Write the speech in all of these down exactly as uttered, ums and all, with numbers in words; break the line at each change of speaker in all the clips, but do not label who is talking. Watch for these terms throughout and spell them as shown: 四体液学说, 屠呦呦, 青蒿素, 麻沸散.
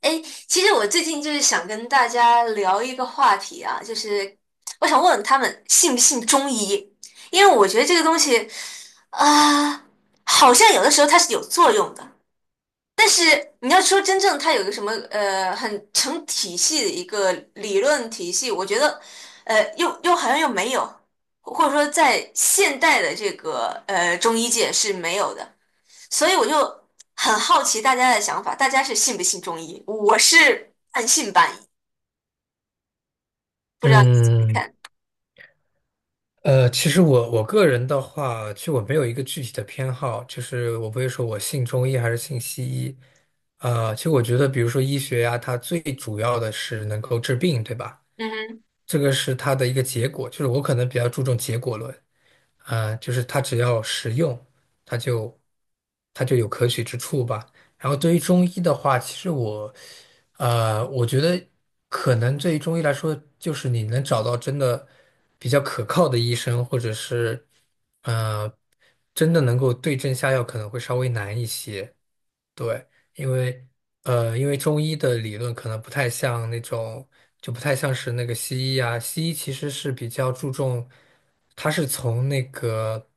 哎，其实我最近就是想跟大家聊一个话题啊，就是我想问问他们信不信中医，因为我觉得这个东西啊、好像有的时候它是有作用的。你要说真正它有个什么呃很成体系的一个理论体系，我觉得呃又又好像又没有，或者说在现代的这个呃中医界是没有的。所以我就很好奇大家的想法，大家是信不信中医？我是半信半疑，不知道你怎么
嗯，
看？
呃，其实我我个人的话，其实我没有一个具体的偏好，就是我不会说我信中医还是信西医。呃，其实我觉得，比如说医学呀，它最主要的是能够治病，对吧？
嗯哼，
这个是它的一个结果，就是我可能比较注重结果论。呃，就是它只要实用，它就它就有可取之处吧。然后对于中医的话，其实我，呃，我觉得可能对于中医来说，就是你能找到真的比较可靠的医生，或者是呃，真的能够对症下药，可能会稍微难一些。对，因为呃，因为中医的理论可能不太像那种，就不太像是那个西医啊。西医其实是比较注重，它是从那个。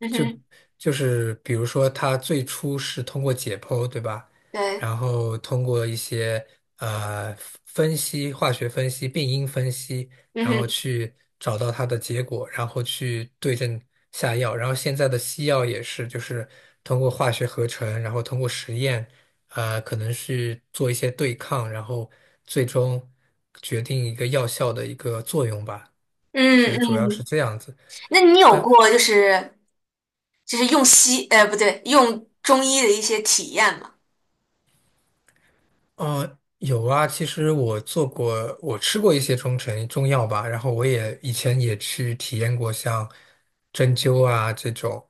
嗯
就
哼，
就是比如说，它最初是通过解剖，对吧？
对，
然后通过一些呃分析、化学分析、病因分析，
嗯
然后
哼，
去找到它的结果，然后去对症下药。然后现在的西药也是，就是通过化学合成，然后通过实验，呃，可能是做一些对抗，然后最终决定一个药效的一个作用吧。其
嗯
实主要是
嗯。
这样子。
那你有
但。
过就是就是用西呃不对用中医的一些体验吗？
呃，有啊，其实我做过，我吃过一些中成中药吧，然后我也以前也去体验过像针灸啊这种，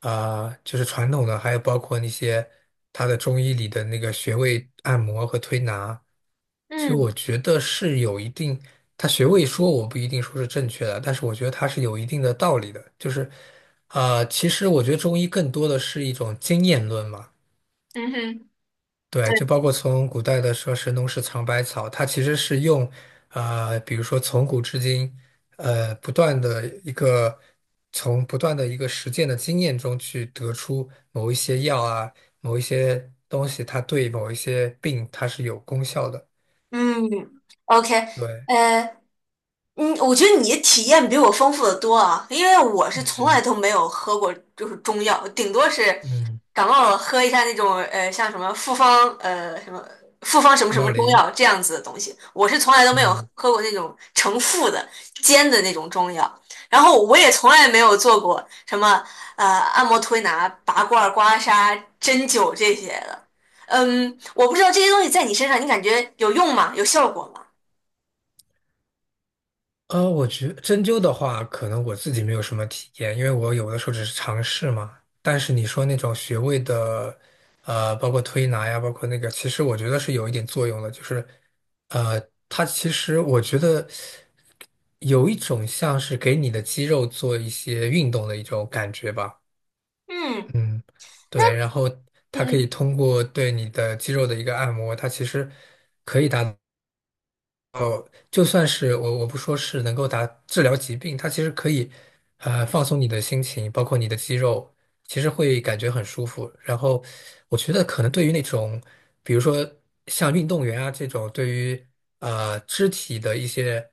啊、就是传统的，还有包括那些它的中医里的那个穴位按摩和推拿，其实
嗯
我觉得是有一定，它穴位说我不一定说是正确的，但是我觉得它是有一定的道理的，就是，啊，其实我觉得中医更多的是一种经验论嘛。
嗯哼，
对，
对，
就包括从古代的说“神农氏尝百草”，它其实是用，呃，比如说从古至今，呃，不断的一个从不断的一个实践的经验中去得出某一些药啊，某一些东西，它对某一些病它是有功效的。
嗯，OK，
对，
呃，嗯，我觉得你的体验比我丰富的多啊，因为我是从来
嗯
都没有喝过就是中药，顶多是
嗯，
感冒了喝一下那种呃像什么复方呃什么复方什么
感
什么
冒
中
灵，
药这样子的东西，我是从来都没有
嗯。
喝过那种成副的煎的那种中药，然后我也从来没有做过什么呃按摩推拿、拔罐、刮痧、针灸这些的，嗯，我不知道这些东西在你身上你感觉有用吗？有效果吗？
呃，我觉针灸的话，可能我自己没有什么体验，因为我有的时候只是尝试嘛。但是你说那种穴位的，呃，包括推拿呀，包括那个，其实我觉得是有一点作用的，就是，呃，它其实我觉得有一种像是给你的肌肉做一些运动的一种感觉吧。
嗯
嗯，对，然后它可以
嗯
通过对你的肌肉的一个按摩，它其实。就算是我我不说是能够达治疗疾病，它其实可以，呃，放松你的心情，包括你的肌肉，其实会感觉很舒服。然后，我觉得可能对于那种，比如说像运动员啊这种，对于呃肢体的一些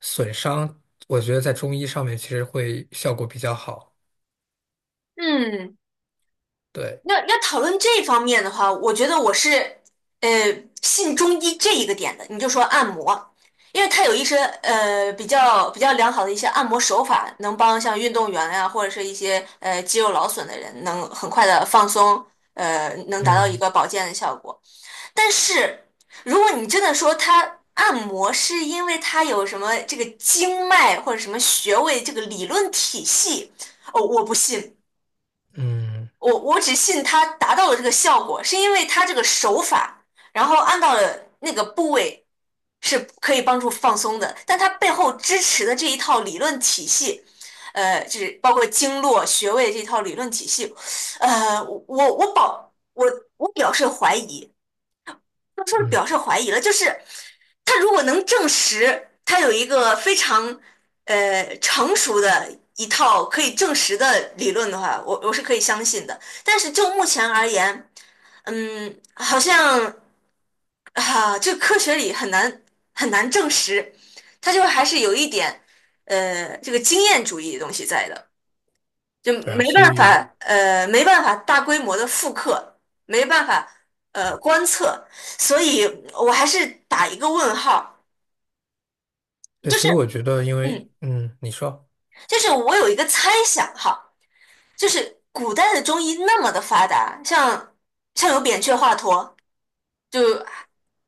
损伤，我觉得在中医上面其实会效果比较好。
嗯。
对，
要要讨论这方面的话，我觉得我是呃信中医这一个点的。你就说按摩，因为它有一些呃比较比较良好的一些按摩手法，能帮像运动员呀、或者是一些呃肌肉劳损的人，能很快的放松，呃，能达到一
嗯
个保健的效果。但是如果你真的说它按摩是因为它有什么这个经脉或者什么穴位这个理论体系，哦，我不信。
嗯
我我只信它达到了这个效果，是因为它这个手法，然后按到了那个部位是可以帮助放松的，但它背后支持的这一套理论体系，呃，就是包括经络穴位这套理论体系，呃，我我保我我表示怀疑，他说是
嗯，
表示怀疑了，就是他如果能证实他有一个非常呃成熟的一套可以证实的理论的话，我我是可以相信的。但是就目前而言，嗯，好像啊，这科学里很难很难证实，他就还是有一点呃这个经验主义的东西在的。就
对啊，
没
所
办
以
法，呃，没办法大规模的复刻，没办法，呃，观测，所以我还是打一个问号，
对，
就是，
所以我觉得，因为
嗯，
嗯，你说，
就是我有一个猜想哈，就是古代的中医那么的发达，像像有扁鹊、华佗，就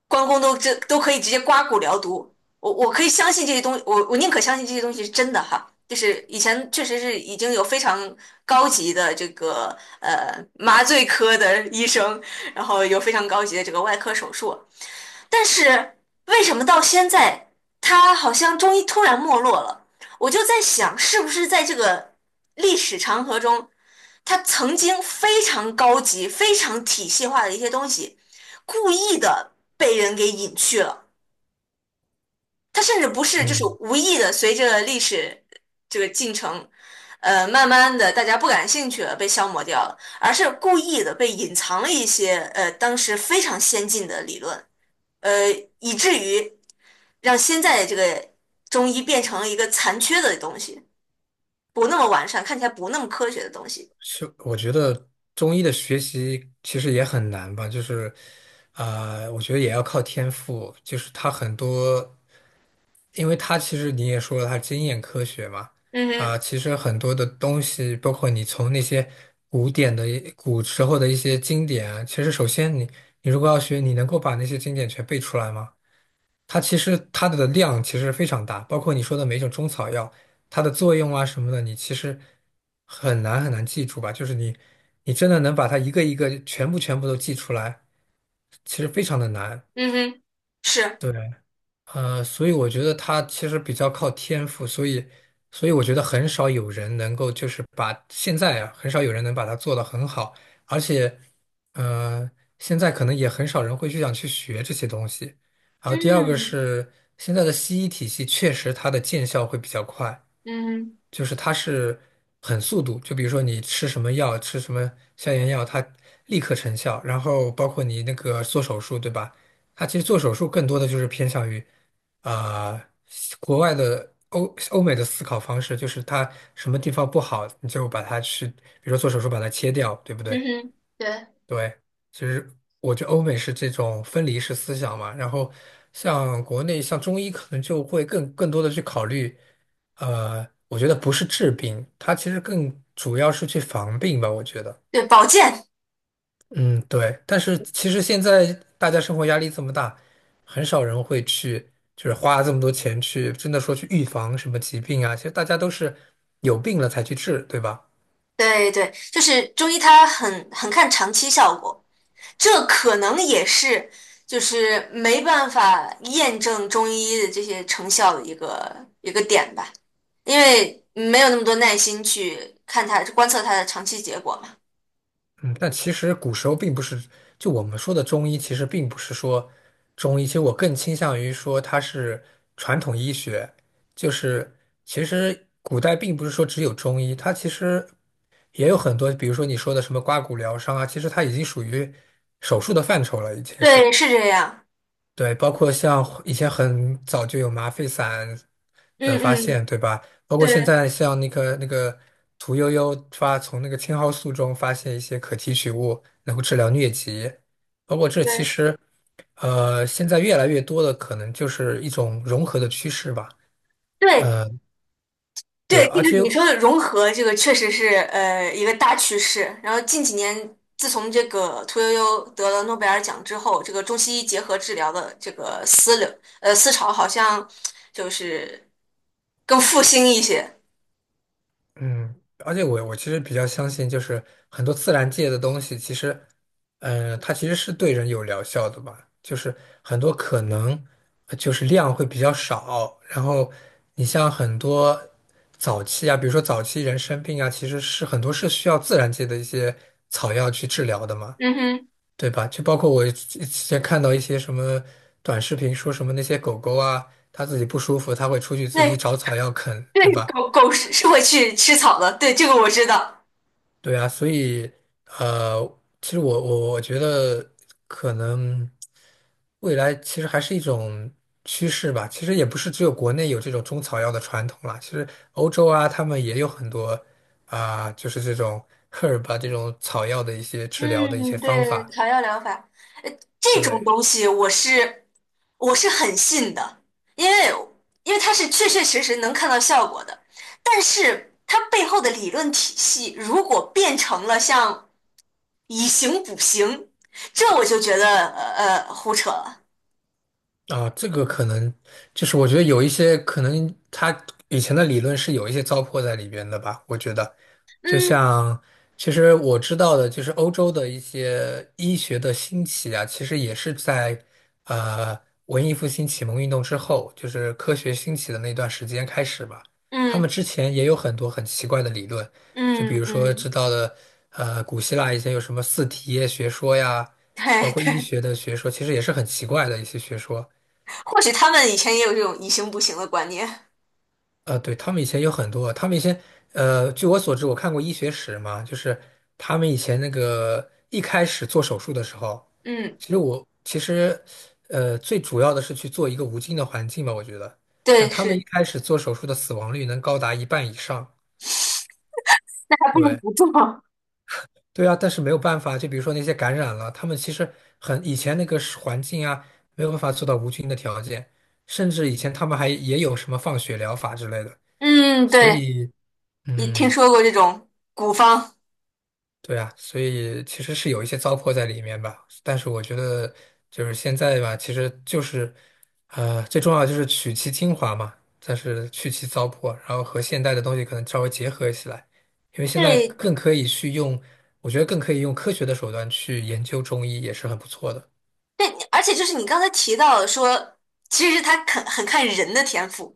关公都这都可以直接刮骨疗毒，我我可以相信这些东西，我我宁可相信这些东西是真的哈。就是以前确实是已经有非常高级的这个呃麻醉科的医生，然后有非常高级的这个外科手术，但是为什么到现在他好像中医突然没落了？我就在想，是不是在这个历史长河中，他曾经非常高级、非常体系化的一些东西。故意的被人给隐去了。它甚至不是就是
嗯。
无意的，随着历史这个进程，呃，慢慢的大家不感兴趣了，被消磨掉了，而是故意的被隐藏了一些呃当时非常先进的理论，呃，以至于让现在的这个中医变成了一个残缺的东西，不那么完善，看起来不那么科学的东西。
是，我觉得中医的学习其实也很难吧，就是，啊，我觉得也要靠天赋，就是它很多，因为它其实你也说了，它经验科学嘛，
嗯
它
哼，
其实很多的东西，包括你从那些古典的古时候的一些经典啊其实首先你你如果要学，你能够把那些经典全背出来吗？它其实它的量其实非常大，包括你说的每一种中草药，它的作用啊什么的，你其实很难很难记住吧？就是你，你真的能把它一个一个全部全部都记出来，其实非常的难。
嗯哼，是，
对，呃，所以我觉得他其实比较靠天赋，所以，所以我觉得很少有人能够就是把现在啊，很少有人能把它做得很好，而且，呃，现在可能也很少人会去想去学这些东西。然后第二个
嗯
是现在的西医体系确实它的见效会比较快，
嗯
就是它是很速度，就比如说你吃什么药，吃什么消炎药，它立刻成效。然后包括你那个做手术，对吧？它其实做手术更多的就是偏向于，呃，国外的欧欧美的思考方式，就是它什么地方不好，你就把它去，比如说做手术把它切掉，对不
嗯
对？
哼，对
对，其实我觉得欧美是这种分离式思想嘛，然后像国内像中医可能就会更更多的去考虑，呃，我觉得不是治病，它其实更主要是去防病吧，我觉得。
对，保健。
嗯，对。但是其实现在大家生活压力这么大，很少人会去就是花这么多钱去真的说去预防什么疾病啊，其实大家都是有病了才去治，对吧？
对对，就是中医它很很看长期效果，这可能也是就是没办法验证中医的这些成效的一个一个点吧，因为没有那么多耐心去看它观测它的长期结果嘛。
嗯，但其实古时候并不是，就我们说的中医，其实并不是说中医，其实我更倾向于说它是传统医学，就是其实古代并不是说只有中医，它其实也有很多，比如说你说的什么刮骨疗伤啊，其实它已经属于手术的范畴了，已经是。
对，是这样。
对，包括像以前很早就有麻沸散的
嗯
发
嗯，
现，对吧？包括现
对
在像那个那个屠呦呦发从那个青蒿素中发现一些可提取物，能够治疗疟疾。包括这其
对。
实，呃，现在越来越多的可能就是一种融合的趋势吧。
对，
对，
对，就
而
是
且
你说的融合，这个确实是呃一个大趋势。然后近几年，自从这个屠呦呦得了诺贝尔奖之后，这个中西医结合治疗的这个思流呃思潮好像就是更复兴一些。
嗯，而且我我其实比较相信，就是很多自然界的东西，其实，嗯、它其实是对人有疗效的吧。就是很多可能，呃就是量会比较少。然后你像很多早期啊，比如说早期人生病啊，其实是很多是需要自然界的一些草药去治疗的嘛，
嗯哼，
对吧？就包括我之之前看到一些什么短视频，说什么那些狗狗啊，它自己不舒服，它会出去自己
对
找草药啃，
对，
对吧？
狗狗是是会去吃草的，对，这个我知道。
对啊，所以呃，其实我我我觉得可能未来其实还是一种趋势吧。其实也不是只有国内有这种中草药的传统啦，其实欧洲啊，他们也有很多啊、就是这种 herb 啊这种草药的一些治疗的一些
嗯，
方
对，
法。
草药疗法，呃，这种
对。
东西我是我是很信的，因为因为它是确确实实能看到效果的。但是它背后的理论体系，如果变成了像以形补形，这我就觉得呃呃胡扯了。
啊，这个可能就是我觉得有一些可能他以前的理论是有一些糟粕在里边的吧，我觉得，就
嗯
像其实我知道的，就是欧洲的一些医学的兴起啊，其实也是在呃文艺复兴启蒙运动之后，就是科学兴起的那段时间开始吧。他们
嗯
之前也有很多很奇怪的理论，就比
嗯
如说
嗯，
知道的呃古希腊以前有什么四体液学说呀，
对
包括医
对，
学的学说，其实也是很奇怪的一些学说。
或许他们以前也有这种以形补形的观念。
呃，对，他们以前有很多，他们以前，呃，据我所知，我看过医学史嘛，就是他们以前那个一开始做手术的时候，
嗯，
其实我其实，呃，最主要的是去做一个无菌的环境吧，我觉得，
对，
但他们一
是，
开始做手术的死亡率能高达一半以上，
那还不如
对，
不做。
对啊，但是没有办法，就比如说那些感染了，他们其实很以前那个是环境啊，没有办法做到无菌的条件，甚至以前他们还也有什么放血疗法之类的，
嗯，
所
对。
以。
你听
嗯，
说过这种古方？
对啊，所以其实是有一些糟粕在里面吧，但是我觉得就是现在吧，其实就是，呃，最重要的就是取其精华嘛，但是去其糟粕，然后和现代的东西可能稍微结合起来，因为现在
对，
更可以去用，我觉得更可以用科学的手段去研究中医，也是很不错的。
对，而且就是你刚才提到的说，其实他很很看人的天赋，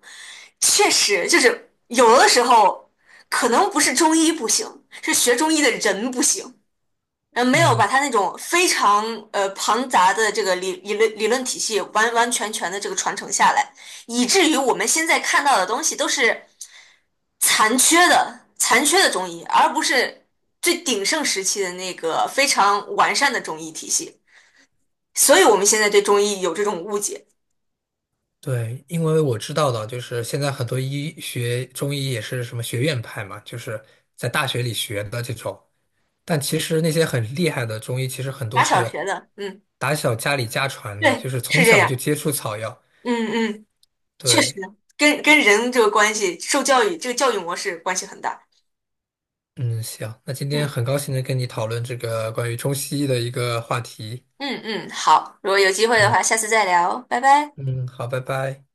确实就是有的时候可能不是中医不行，是学中医的人不行。嗯，没有把
嗯，
他那种非常呃庞杂的这个理理论理论体系完完全全的这个传承下来，以至于我们现在看到的东西都是残缺的、残缺的中医，而不是最鼎盛时期的那个非常完善的中医体系。所以我们现在对中医有这种误解。
对，因为我知道的，就是现在很多医学中医也是什么学院派嘛，就是在大学里学的这种。但其实那些很厉害的中医，其实很多
打小
是
学的，嗯，
打小家里家传的，
对，
就是从
是这
小
样，
就接触草药。
嗯嗯，确实
对，
跟跟人这个关系、受教育这个教育模式关系很大。
嗯，行，那今天
嗯。
很高兴能跟你讨论这个关于中西医的一个话题。
嗯嗯，好，如果有机会的话，下次再聊，拜拜。
嗯，好，拜拜。